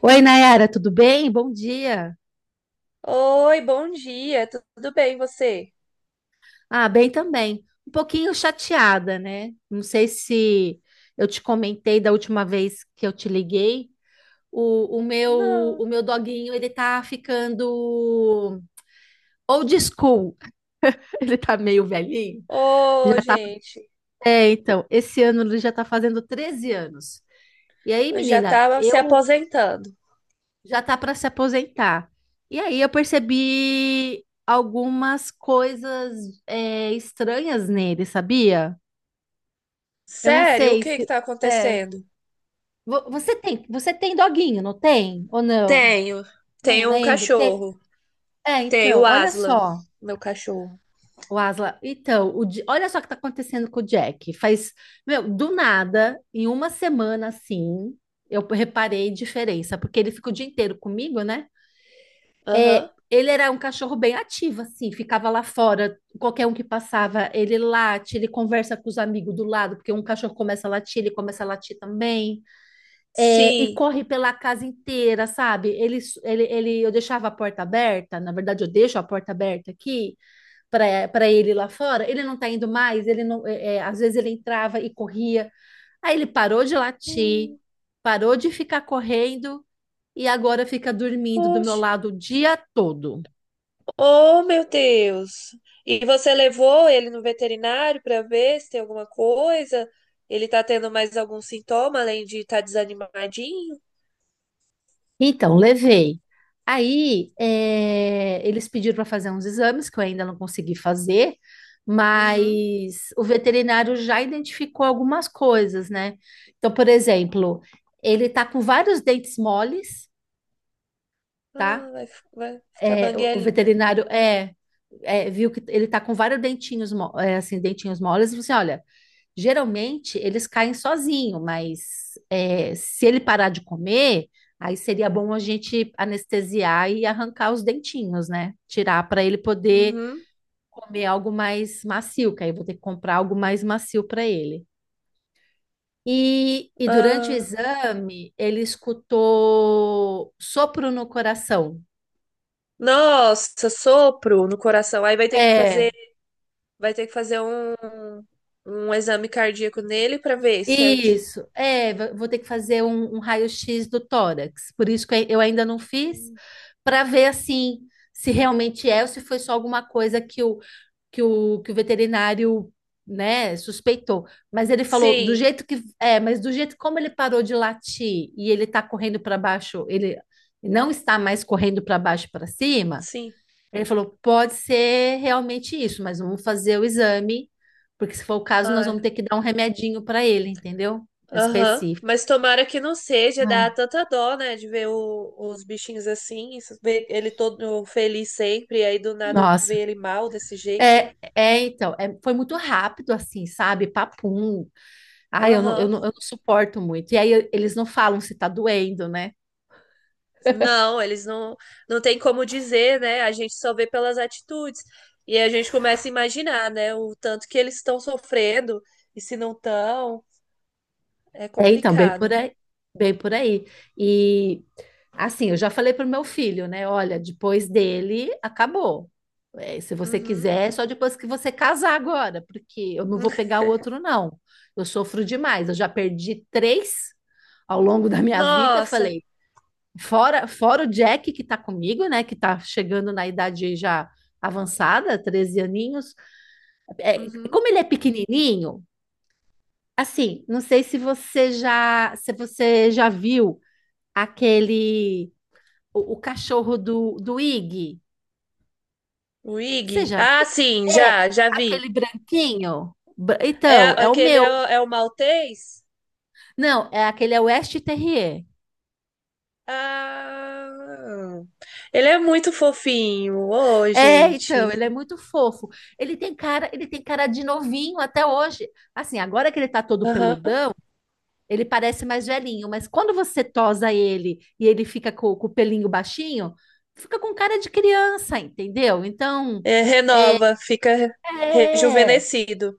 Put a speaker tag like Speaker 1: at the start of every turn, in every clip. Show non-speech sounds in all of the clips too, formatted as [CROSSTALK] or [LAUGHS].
Speaker 1: Oi, Nayara, tudo bem? Bom dia.
Speaker 2: Oi, bom dia, tudo bem você?
Speaker 1: Ah, bem também. Um pouquinho chateada, né? Não sei se eu te comentei da última vez que eu te liguei. O meu
Speaker 2: Não.
Speaker 1: o meu doguinho, ele tá ficando old school. [LAUGHS] Ele tá meio velhinho. Já
Speaker 2: Ô,
Speaker 1: tá.
Speaker 2: gente,
Speaker 1: É, então, esse ano ele já tá fazendo 13 anos. E aí,
Speaker 2: eu já
Speaker 1: menina,
Speaker 2: tava se
Speaker 1: eu
Speaker 2: aposentando.
Speaker 1: já tá para se aposentar. E aí eu percebi algumas coisas estranhas nele, sabia? Eu não
Speaker 2: Sério? O
Speaker 1: sei
Speaker 2: que que
Speaker 1: se
Speaker 2: tá
Speaker 1: é.
Speaker 2: acontecendo?
Speaker 1: Você tem doguinho, não tem? Ou não?
Speaker 2: Tenho,
Speaker 1: Não
Speaker 2: tenho um
Speaker 1: lembro.
Speaker 2: cachorro.
Speaker 1: É,
Speaker 2: Tenho o
Speaker 1: então, olha
Speaker 2: Aslan,
Speaker 1: só,
Speaker 2: meu cachorro.
Speaker 1: o Asla. Então, olha só o que tá acontecendo com o Jack. Faz, meu, do nada, em uma semana assim, eu reparei diferença, porque ele fica o dia inteiro comigo, né? É,
Speaker 2: Aham.
Speaker 1: ele era um cachorro bem ativo, assim, ficava lá fora, qualquer um que passava, ele late, ele conversa com os amigos do lado, porque um cachorro começa a latir, ele começa a latir também. É, e
Speaker 2: Sim.
Speaker 1: corre pela casa inteira, sabe? Ele, eu deixava a porta aberta, na verdade eu deixo a porta aberta aqui para ele lá fora. Ele não tá indo mais, ele não, às vezes ele entrava e corria. Aí ele parou de latir,
Speaker 2: Hum.
Speaker 1: parou de ficar correndo e agora fica dormindo do meu
Speaker 2: Poxa.
Speaker 1: lado o dia todo.
Speaker 2: Oh, meu Deus. E você levou ele no veterinário pra ver se tem alguma coisa? Ele tá tendo mais algum sintoma além de estar tá desanimadinho?
Speaker 1: Então, levei. Aí, eles pediram para fazer uns exames que eu ainda não consegui fazer,
Speaker 2: Uhum.
Speaker 1: mas o veterinário já identificou algumas coisas, né? Então, por exemplo, ele tá com vários dentes moles, tá?
Speaker 2: Ah, vai, vai ficar
Speaker 1: O
Speaker 2: banguelinho.
Speaker 1: veterinário viu que ele tá com vários dentinhos, assim, dentinhos moles, e falou assim, olha. Geralmente eles caem sozinho, mas é, se ele parar de comer, aí seria bom a gente anestesiar e arrancar os dentinhos, né? Tirar para ele poder
Speaker 2: Uhum.
Speaker 1: comer algo mais macio, que aí eu vou ter que comprar algo mais macio para ele. E durante o
Speaker 2: Ah.
Speaker 1: exame, ele escutou sopro no coração.
Speaker 2: Nossa, sopro no coração. Aí vai ter que
Speaker 1: É,
Speaker 2: fazer, Vai ter que fazer um, um exame cardíaco nele pra ver certinho.
Speaker 1: Isso, é, vou ter que fazer um raio-x do tórax, por isso que eu ainda não fiz, para ver assim se realmente é ou se foi só alguma coisa que que o veterinário, né, suspeitou. Mas ele falou do
Speaker 2: Sim,
Speaker 1: jeito que é, mas do jeito como ele parou de latir e ele está correndo para baixo, ele não está mais correndo para baixo e para cima.
Speaker 2: sim.
Speaker 1: Ele falou: pode ser realmente isso, mas vamos fazer o exame, porque se for o caso, nós
Speaker 2: Ah,
Speaker 1: vamos ter que dar um remedinho para ele, entendeu?
Speaker 2: aham.
Speaker 1: Específico.
Speaker 2: Mas tomara que não seja, dá
Speaker 1: Ai.
Speaker 2: tanta dó, né, de ver os bichinhos assim, ver ele todo feliz sempre, e aí do nada ver
Speaker 1: Nossa,
Speaker 2: ele mal desse jeito.
Speaker 1: foi muito rápido assim, sabe? Papum. Ai,
Speaker 2: Aham.
Speaker 1: eu não suporto muito. E aí eles não falam se tá doendo, né?
Speaker 2: Não, eles não, não têm como dizer, né? A gente só vê pelas atitudes. E a gente começa a imaginar, né? O tanto que eles estão sofrendo e se não estão, é
Speaker 1: É, então, bem por
Speaker 2: complicado.
Speaker 1: aí, bem por aí. E assim, eu já falei pro meu filho, né? Olha, depois dele acabou. É, se você
Speaker 2: Uhum.
Speaker 1: quiser, é só depois que você casar agora, porque eu não vou pegar o outro, não. Eu sofro demais. Eu já perdi três ao longo da minha vida.
Speaker 2: Nossa.
Speaker 1: Falei, fora o Jack que tá comigo, né? Que tá chegando na idade já avançada, 13 aninhos. É,
Speaker 2: Uhum.
Speaker 1: como ele é pequenininho. Assim, não sei se você já viu aquele o cachorro do Iggy.
Speaker 2: O
Speaker 1: Você
Speaker 2: Ig?
Speaker 1: já
Speaker 2: Ah,
Speaker 1: viu?
Speaker 2: sim,
Speaker 1: É,
Speaker 2: já, já vi.
Speaker 1: aquele branquinho. Então, é o
Speaker 2: Aquele é,
Speaker 1: meu.
Speaker 2: é o maltês?
Speaker 1: Não, aquele é o West Terrier.
Speaker 2: Ah, ele é muito fofinho. Ô,
Speaker 1: É,
Speaker 2: gente.
Speaker 1: então, ele é muito fofo. Ele tem cara de novinho até hoje. Assim, agora que ele tá todo
Speaker 2: Aham.
Speaker 1: peludão, ele parece mais velhinho, mas quando você tosa ele e ele fica com o pelinho baixinho, fica com cara de criança, entendeu? Então,
Speaker 2: É, renova, fica
Speaker 1: É,
Speaker 2: rejuvenescido.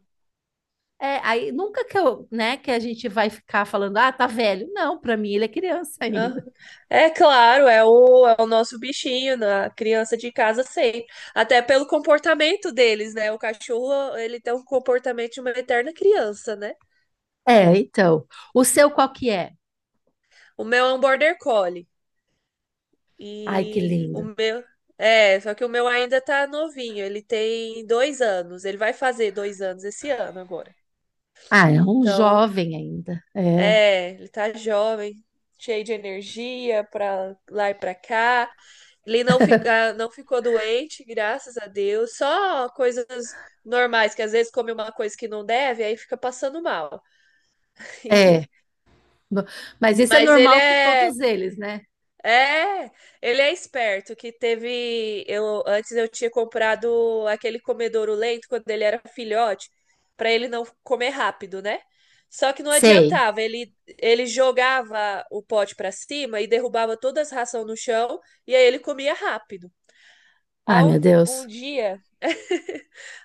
Speaker 1: aí nunca que eu, né, que a gente vai ficar falando, ah, tá velho. Não, pra mim ele é criança [LAUGHS]
Speaker 2: Ah,
Speaker 1: ainda.
Speaker 2: é claro, é o, é o nosso bichinho, né? A criança de casa sempre. Até pelo comportamento deles, né? O cachorro, ele tem um comportamento de uma eterna criança, né?
Speaker 1: É, então. O seu qual que é?
Speaker 2: O meu é um border collie.
Speaker 1: Ai, que
Speaker 2: E o
Speaker 1: lindo.
Speaker 2: meu. É, só que o meu ainda tá novinho. Ele tem dois anos. Ele vai fazer dois anos esse ano agora.
Speaker 1: Ah, é um
Speaker 2: Então,
Speaker 1: jovem ainda.
Speaker 2: é, ele tá jovem, cheio de energia pra lá e pra cá. Ele não, fica, Não ficou doente, graças a Deus. Só coisas normais, que às vezes come uma coisa que não deve, aí fica passando mal. [LAUGHS]
Speaker 1: É.
Speaker 2: E-
Speaker 1: No- Mas isso é
Speaker 2: Mas ele
Speaker 1: normal com
Speaker 2: é,
Speaker 1: todos eles, né?
Speaker 2: é, ele é esperto, que teve, eu tinha comprado aquele comedouro lento quando ele era filhote, para ele não comer rápido, né? Só que não
Speaker 1: Sei.
Speaker 2: adiantava, ele jogava o pote para cima e derrubava todas as ração no chão, e aí ele comia rápido. Aí
Speaker 1: Ai, meu
Speaker 2: um, um
Speaker 1: Deus.
Speaker 2: dia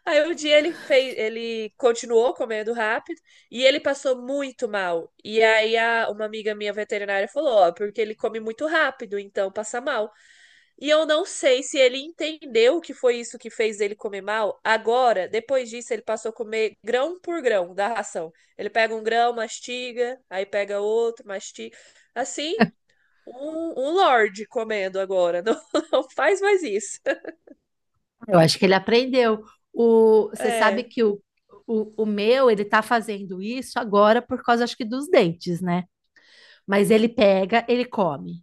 Speaker 2: Aí um dia ele continuou comendo rápido e ele passou muito mal. E aí uma amiga minha veterinária falou, ó, porque ele come muito rápido, então passa mal. E eu não sei se ele entendeu que foi isso que fez ele comer mal. Agora, depois disso, ele passou a comer grão por grão da ração. Ele pega um grão, mastiga, aí pega outro, mastiga. Assim, um lorde comendo agora. [LAUGHS] Não, não faz mais isso.
Speaker 1: Eu acho que ele aprendeu. O, você sabe
Speaker 2: É,
Speaker 1: que o meu, ele tá fazendo isso agora por causa, acho que, dos dentes, né? Mas ele pega, ele come.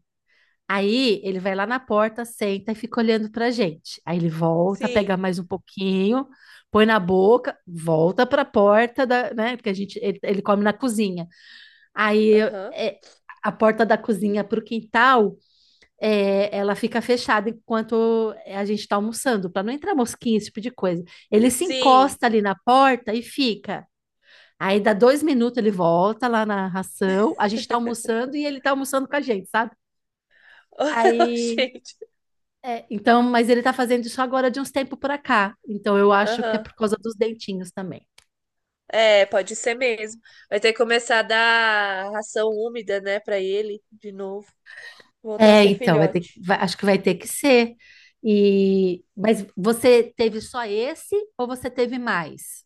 Speaker 1: Aí ele vai lá na porta, senta e fica olhando pra gente. Aí ele volta, pega
Speaker 2: sim.
Speaker 1: mais um pouquinho, põe na boca, volta pra porta da, né? Porque a gente ele come na cozinha. Aí
Speaker 2: Aham.
Speaker 1: é, a porta da cozinha pro quintal, ela fica fechada enquanto a gente tá almoçando, pra não entrar mosquinha, esse tipo de coisa. Ele se
Speaker 2: Sim.
Speaker 1: encosta ali na porta e fica. Aí dá 2 minutos, ele volta lá na ração, a gente tá almoçando e ele tá almoçando com a gente, sabe?
Speaker 2: [LAUGHS]
Speaker 1: Aí
Speaker 2: Gente.
Speaker 1: É, então, mas ele tá fazendo isso agora de uns tempos pra cá. Então, eu acho que é
Speaker 2: Aham.
Speaker 1: por causa dos dentinhos também.
Speaker 2: É, pode ser mesmo. Vai ter que começar a dar ração úmida, né, pra ele de novo. Voltar a
Speaker 1: É,
Speaker 2: ser
Speaker 1: então, vai ter, que-
Speaker 2: filhote.
Speaker 1: vai- acho que vai ter que ser. E, mas você teve só esse ou você teve mais?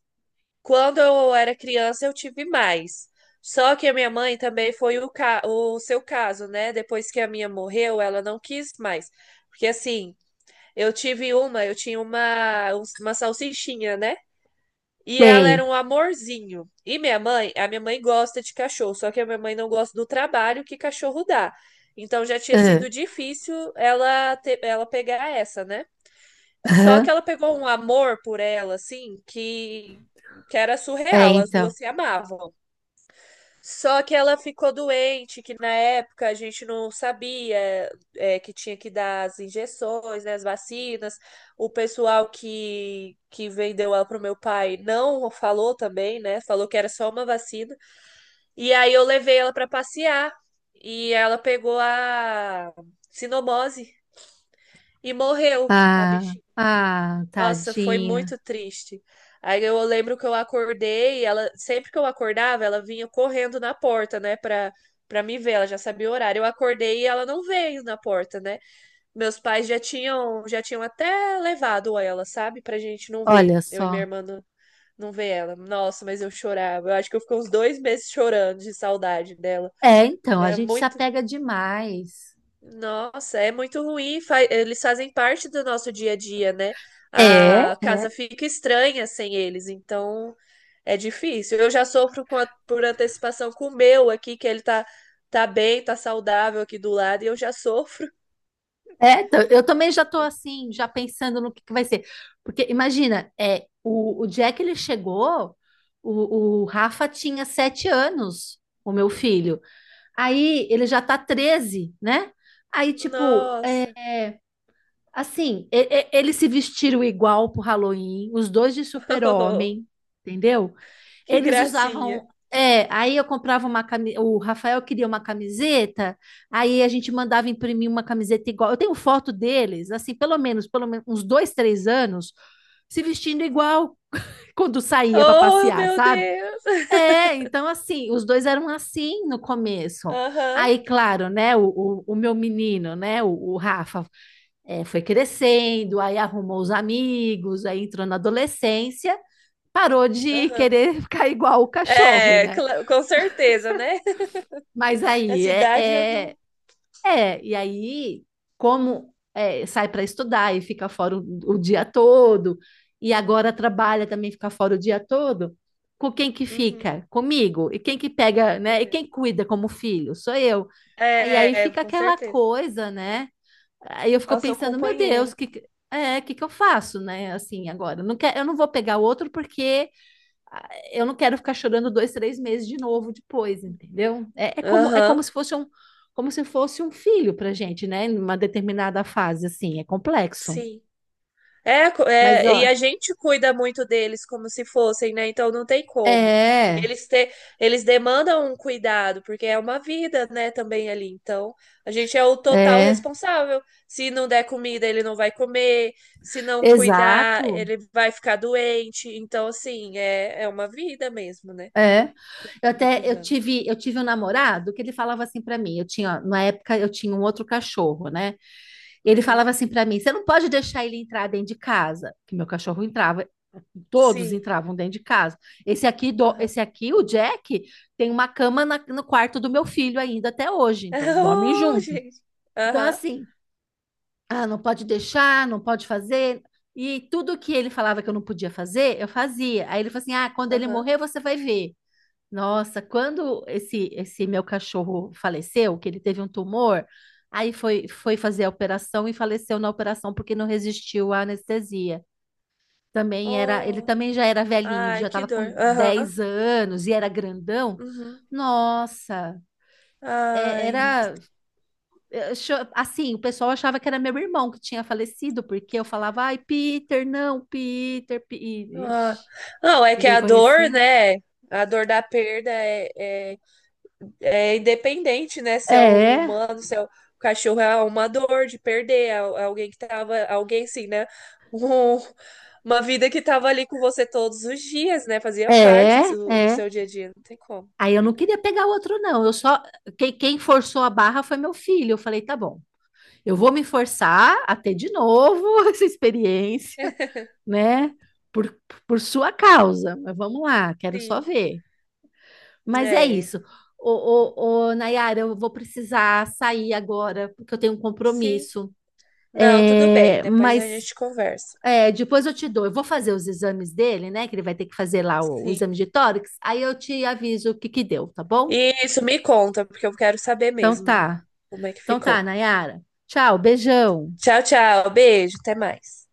Speaker 2: Quando eu era criança, eu tive mais. Só que a minha mãe também foi o, ca... o seu caso, né? Depois que a minha morreu, ela não quis mais. Porque assim, eu tinha uma salsichinha, né? E ela era
Speaker 1: Sei.
Speaker 2: um amorzinho. E minha mãe, a minha mãe gosta de cachorro, só que a minha mãe não gosta do trabalho que cachorro dá. Então já tinha
Speaker 1: Ah,
Speaker 2: sido difícil ela pegar essa, né? Só que
Speaker 1: aham.
Speaker 2: ela pegou um amor por ela, assim, que era
Speaker 1: É,
Speaker 2: surreal. As
Speaker 1: então.
Speaker 2: duas se amavam. Só que ela ficou doente, que na época a gente não sabia é, que tinha que dar as injeções, né, as vacinas. O pessoal que vendeu ela pro meu pai não falou também, né? Falou que era só uma vacina. E aí eu levei ela para passear e ela pegou a sinomose e morreu a
Speaker 1: Ah,
Speaker 2: bichinha.
Speaker 1: ah,
Speaker 2: Nossa, foi
Speaker 1: tadinha.
Speaker 2: muito triste. Aí eu lembro que eu acordei, ela sempre que eu acordava, ela vinha correndo na porta, né, pra me ver, ela já sabia o horário. Eu acordei e ela não veio na porta, né? Meus pais já tinham até levado ela, sabe, pra gente não ver.
Speaker 1: Olha
Speaker 2: Eu e minha
Speaker 1: só.
Speaker 2: irmã não, Não ver ela. Nossa, mas eu chorava. Eu acho que eu fiquei uns dois meses chorando de saudade dela.
Speaker 1: É, então, a
Speaker 2: É
Speaker 1: gente se
Speaker 2: muito,
Speaker 1: apega demais.
Speaker 2: nossa, é muito ruim. Eles fazem parte do nosso dia a dia, né?
Speaker 1: É.
Speaker 2: A casa fica estranha sem eles, então é difícil. Eu já sofro com por antecipação com o meu aqui, que ele tá, tá bem, tá saudável aqui do lado, e eu já sofro.
Speaker 1: É, eu também já tô assim, já pensando no que vai ser. Porque imagina, é, o dia que ele chegou, o Rafa tinha 7 anos, o meu filho. Aí ele já tá 13, né? Aí, tipo,
Speaker 2: Nossa,
Speaker 1: é, assim, eles se vestiram igual pro Halloween, os dois de super-homem,
Speaker 2: [LAUGHS]
Speaker 1: entendeu?
Speaker 2: que
Speaker 1: Eles
Speaker 2: gracinha.
Speaker 1: usavam. É, aí eu comprava uma camiseta. O Rafael queria uma camiseta, aí a gente mandava imprimir uma camiseta igual. Eu tenho foto deles, assim, pelo menos uns 2, 3 anos, se vestindo igual [LAUGHS] quando saía para
Speaker 2: Oh,
Speaker 1: passear,
Speaker 2: meu
Speaker 1: sabe?
Speaker 2: Deus!
Speaker 1: É, então assim, os dois eram assim no começo.
Speaker 2: Aham,
Speaker 1: Aí, claro, né? O meu menino, né? O Rafa foi crescendo, aí arrumou os amigos, aí entrou na adolescência, parou de [LAUGHS]
Speaker 2: aham.
Speaker 1: querer ficar igual o cachorro,
Speaker 2: É,
Speaker 1: né?
Speaker 2: com certeza, né? [LAUGHS]
Speaker 1: Mas aí
Speaker 2: Essa idade eu não.
Speaker 1: e aí, como é, sai para estudar e fica fora o dia todo, e agora trabalha também fica fora o dia todo, com quem que
Speaker 2: Uhum.
Speaker 1: fica? Comigo. E quem que pega, né? E quem cuida como filho? Sou eu. E aí
Speaker 2: É, é,
Speaker 1: fica
Speaker 2: com
Speaker 1: aquela
Speaker 2: certeza.
Speaker 1: coisa, né? Aí eu
Speaker 2: É
Speaker 1: fico
Speaker 2: o seu
Speaker 1: pensando, meu Deus,
Speaker 2: companheiro.
Speaker 1: que eu faço, né? Assim, agora, eu não vou pegar outro porque ah, eu não quero ficar chorando 2, 3 meses de novo depois, entendeu? É como
Speaker 2: Aham,
Speaker 1: se fosse um, como se fosse um filho pra gente, né? Em uma determinada fase, assim, é complexo.
Speaker 2: sim. É,
Speaker 1: Mas,
Speaker 2: é, e
Speaker 1: ó,
Speaker 2: a gente cuida muito deles como se fossem, né? Então não tem como.
Speaker 1: é,
Speaker 2: Eles, te, eles demandam um cuidado, porque é uma vida, né, também ali. Então, a gente é o total
Speaker 1: é,
Speaker 2: responsável. Se não der comida, ele não vai comer. Se não cuidar,
Speaker 1: exato.
Speaker 2: ele vai ficar doente. Então, assim, é, é uma vida mesmo, né?
Speaker 1: É.
Speaker 2: Que tá cuidando.
Speaker 1: Eu tive um namorado que ele falava assim para mim, na época eu tinha um outro cachorro, né? Ele falava
Speaker 2: Uhum.
Speaker 1: assim para mim, você não pode deixar ele entrar dentro de casa, que meu cachorro entrava, todos
Speaker 2: Sim.
Speaker 1: entravam dentro de casa.
Speaker 2: Aham.
Speaker 1: Esse
Speaker 2: [LAUGHS]
Speaker 1: aqui, o Jack, tem uma cama no quarto do meu filho ainda até hoje, então dormem
Speaker 2: Oh,
Speaker 1: juntos.
Speaker 2: gente.
Speaker 1: Então
Speaker 2: Aham.
Speaker 1: assim, ah, não pode deixar, não pode fazer. E tudo que ele falava que eu não podia fazer, eu fazia. Aí ele falou assim: "Ah, quando ele
Speaker 2: Aham.
Speaker 1: morrer, você vai ver". Nossa, quando esse meu cachorro faleceu, que ele teve um tumor, aí foi fazer a operação e faleceu na operação porque não resistiu à anestesia. Também era, ele
Speaker 2: Oh,
Speaker 1: também já era velhinho, ele
Speaker 2: ai,
Speaker 1: já
Speaker 2: que
Speaker 1: estava com
Speaker 2: dor. Aham.
Speaker 1: 10 anos e era grandão.
Speaker 2: Uhum.
Speaker 1: Nossa, é-
Speaker 2: Ai, meu-
Speaker 1: era assim, o pessoal achava que era meu irmão que tinha falecido, porque eu falava, ai, Peter, não, Peter,
Speaker 2: ah.
Speaker 1: Ixi,
Speaker 2: Não, é que
Speaker 1: ninguém
Speaker 2: a dor,
Speaker 1: conhecia.
Speaker 2: né? A dor da perda é, é, é independente, né? Se é um
Speaker 1: É,
Speaker 2: humano, se é um cachorro, é uma dor de perder é alguém que tava, alguém sim, né? [LAUGHS] Um- uma vida que tava ali com você todos os dias, né? Fazia parte
Speaker 1: é,
Speaker 2: do, do
Speaker 1: é.
Speaker 2: seu dia a dia, não tem como.
Speaker 1: Aí eu não queria pegar outro, não. Eu só. Quem, quem forçou a barra foi meu filho. Eu falei, tá bom, eu vou me forçar a ter de novo [LAUGHS] essa experiência, né? Por, por sua causa. Mas vamos lá, quero só
Speaker 2: Sim,
Speaker 1: ver. Mas é
Speaker 2: é,
Speaker 1: isso. Ô, ô, Nayara, eu vou precisar sair agora, porque eu tenho um
Speaker 2: sim.
Speaker 1: compromisso.
Speaker 2: Não, tudo bem,
Speaker 1: É,
Speaker 2: depois a
Speaker 1: mas
Speaker 2: gente conversa.
Speaker 1: depois eu te dou. Eu vou fazer os exames dele, né? Que ele vai ter que fazer lá o
Speaker 2: Sim.
Speaker 1: exame de tórax. Aí eu te aviso o que que deu, tá bom?
Speaker 2: Isso, me conta, porque eu quero saber
Speaker 1: Então
Speaker 2: mesmo
Speaker 1: tá.
Speaker 2: como é que
Speaker 1: Então tá,
Speaker 2: ficou.
Speaker 1: Nayara. Tchau, beijão.
Speaker 2: Tchau, tchau. Beijo, até mais.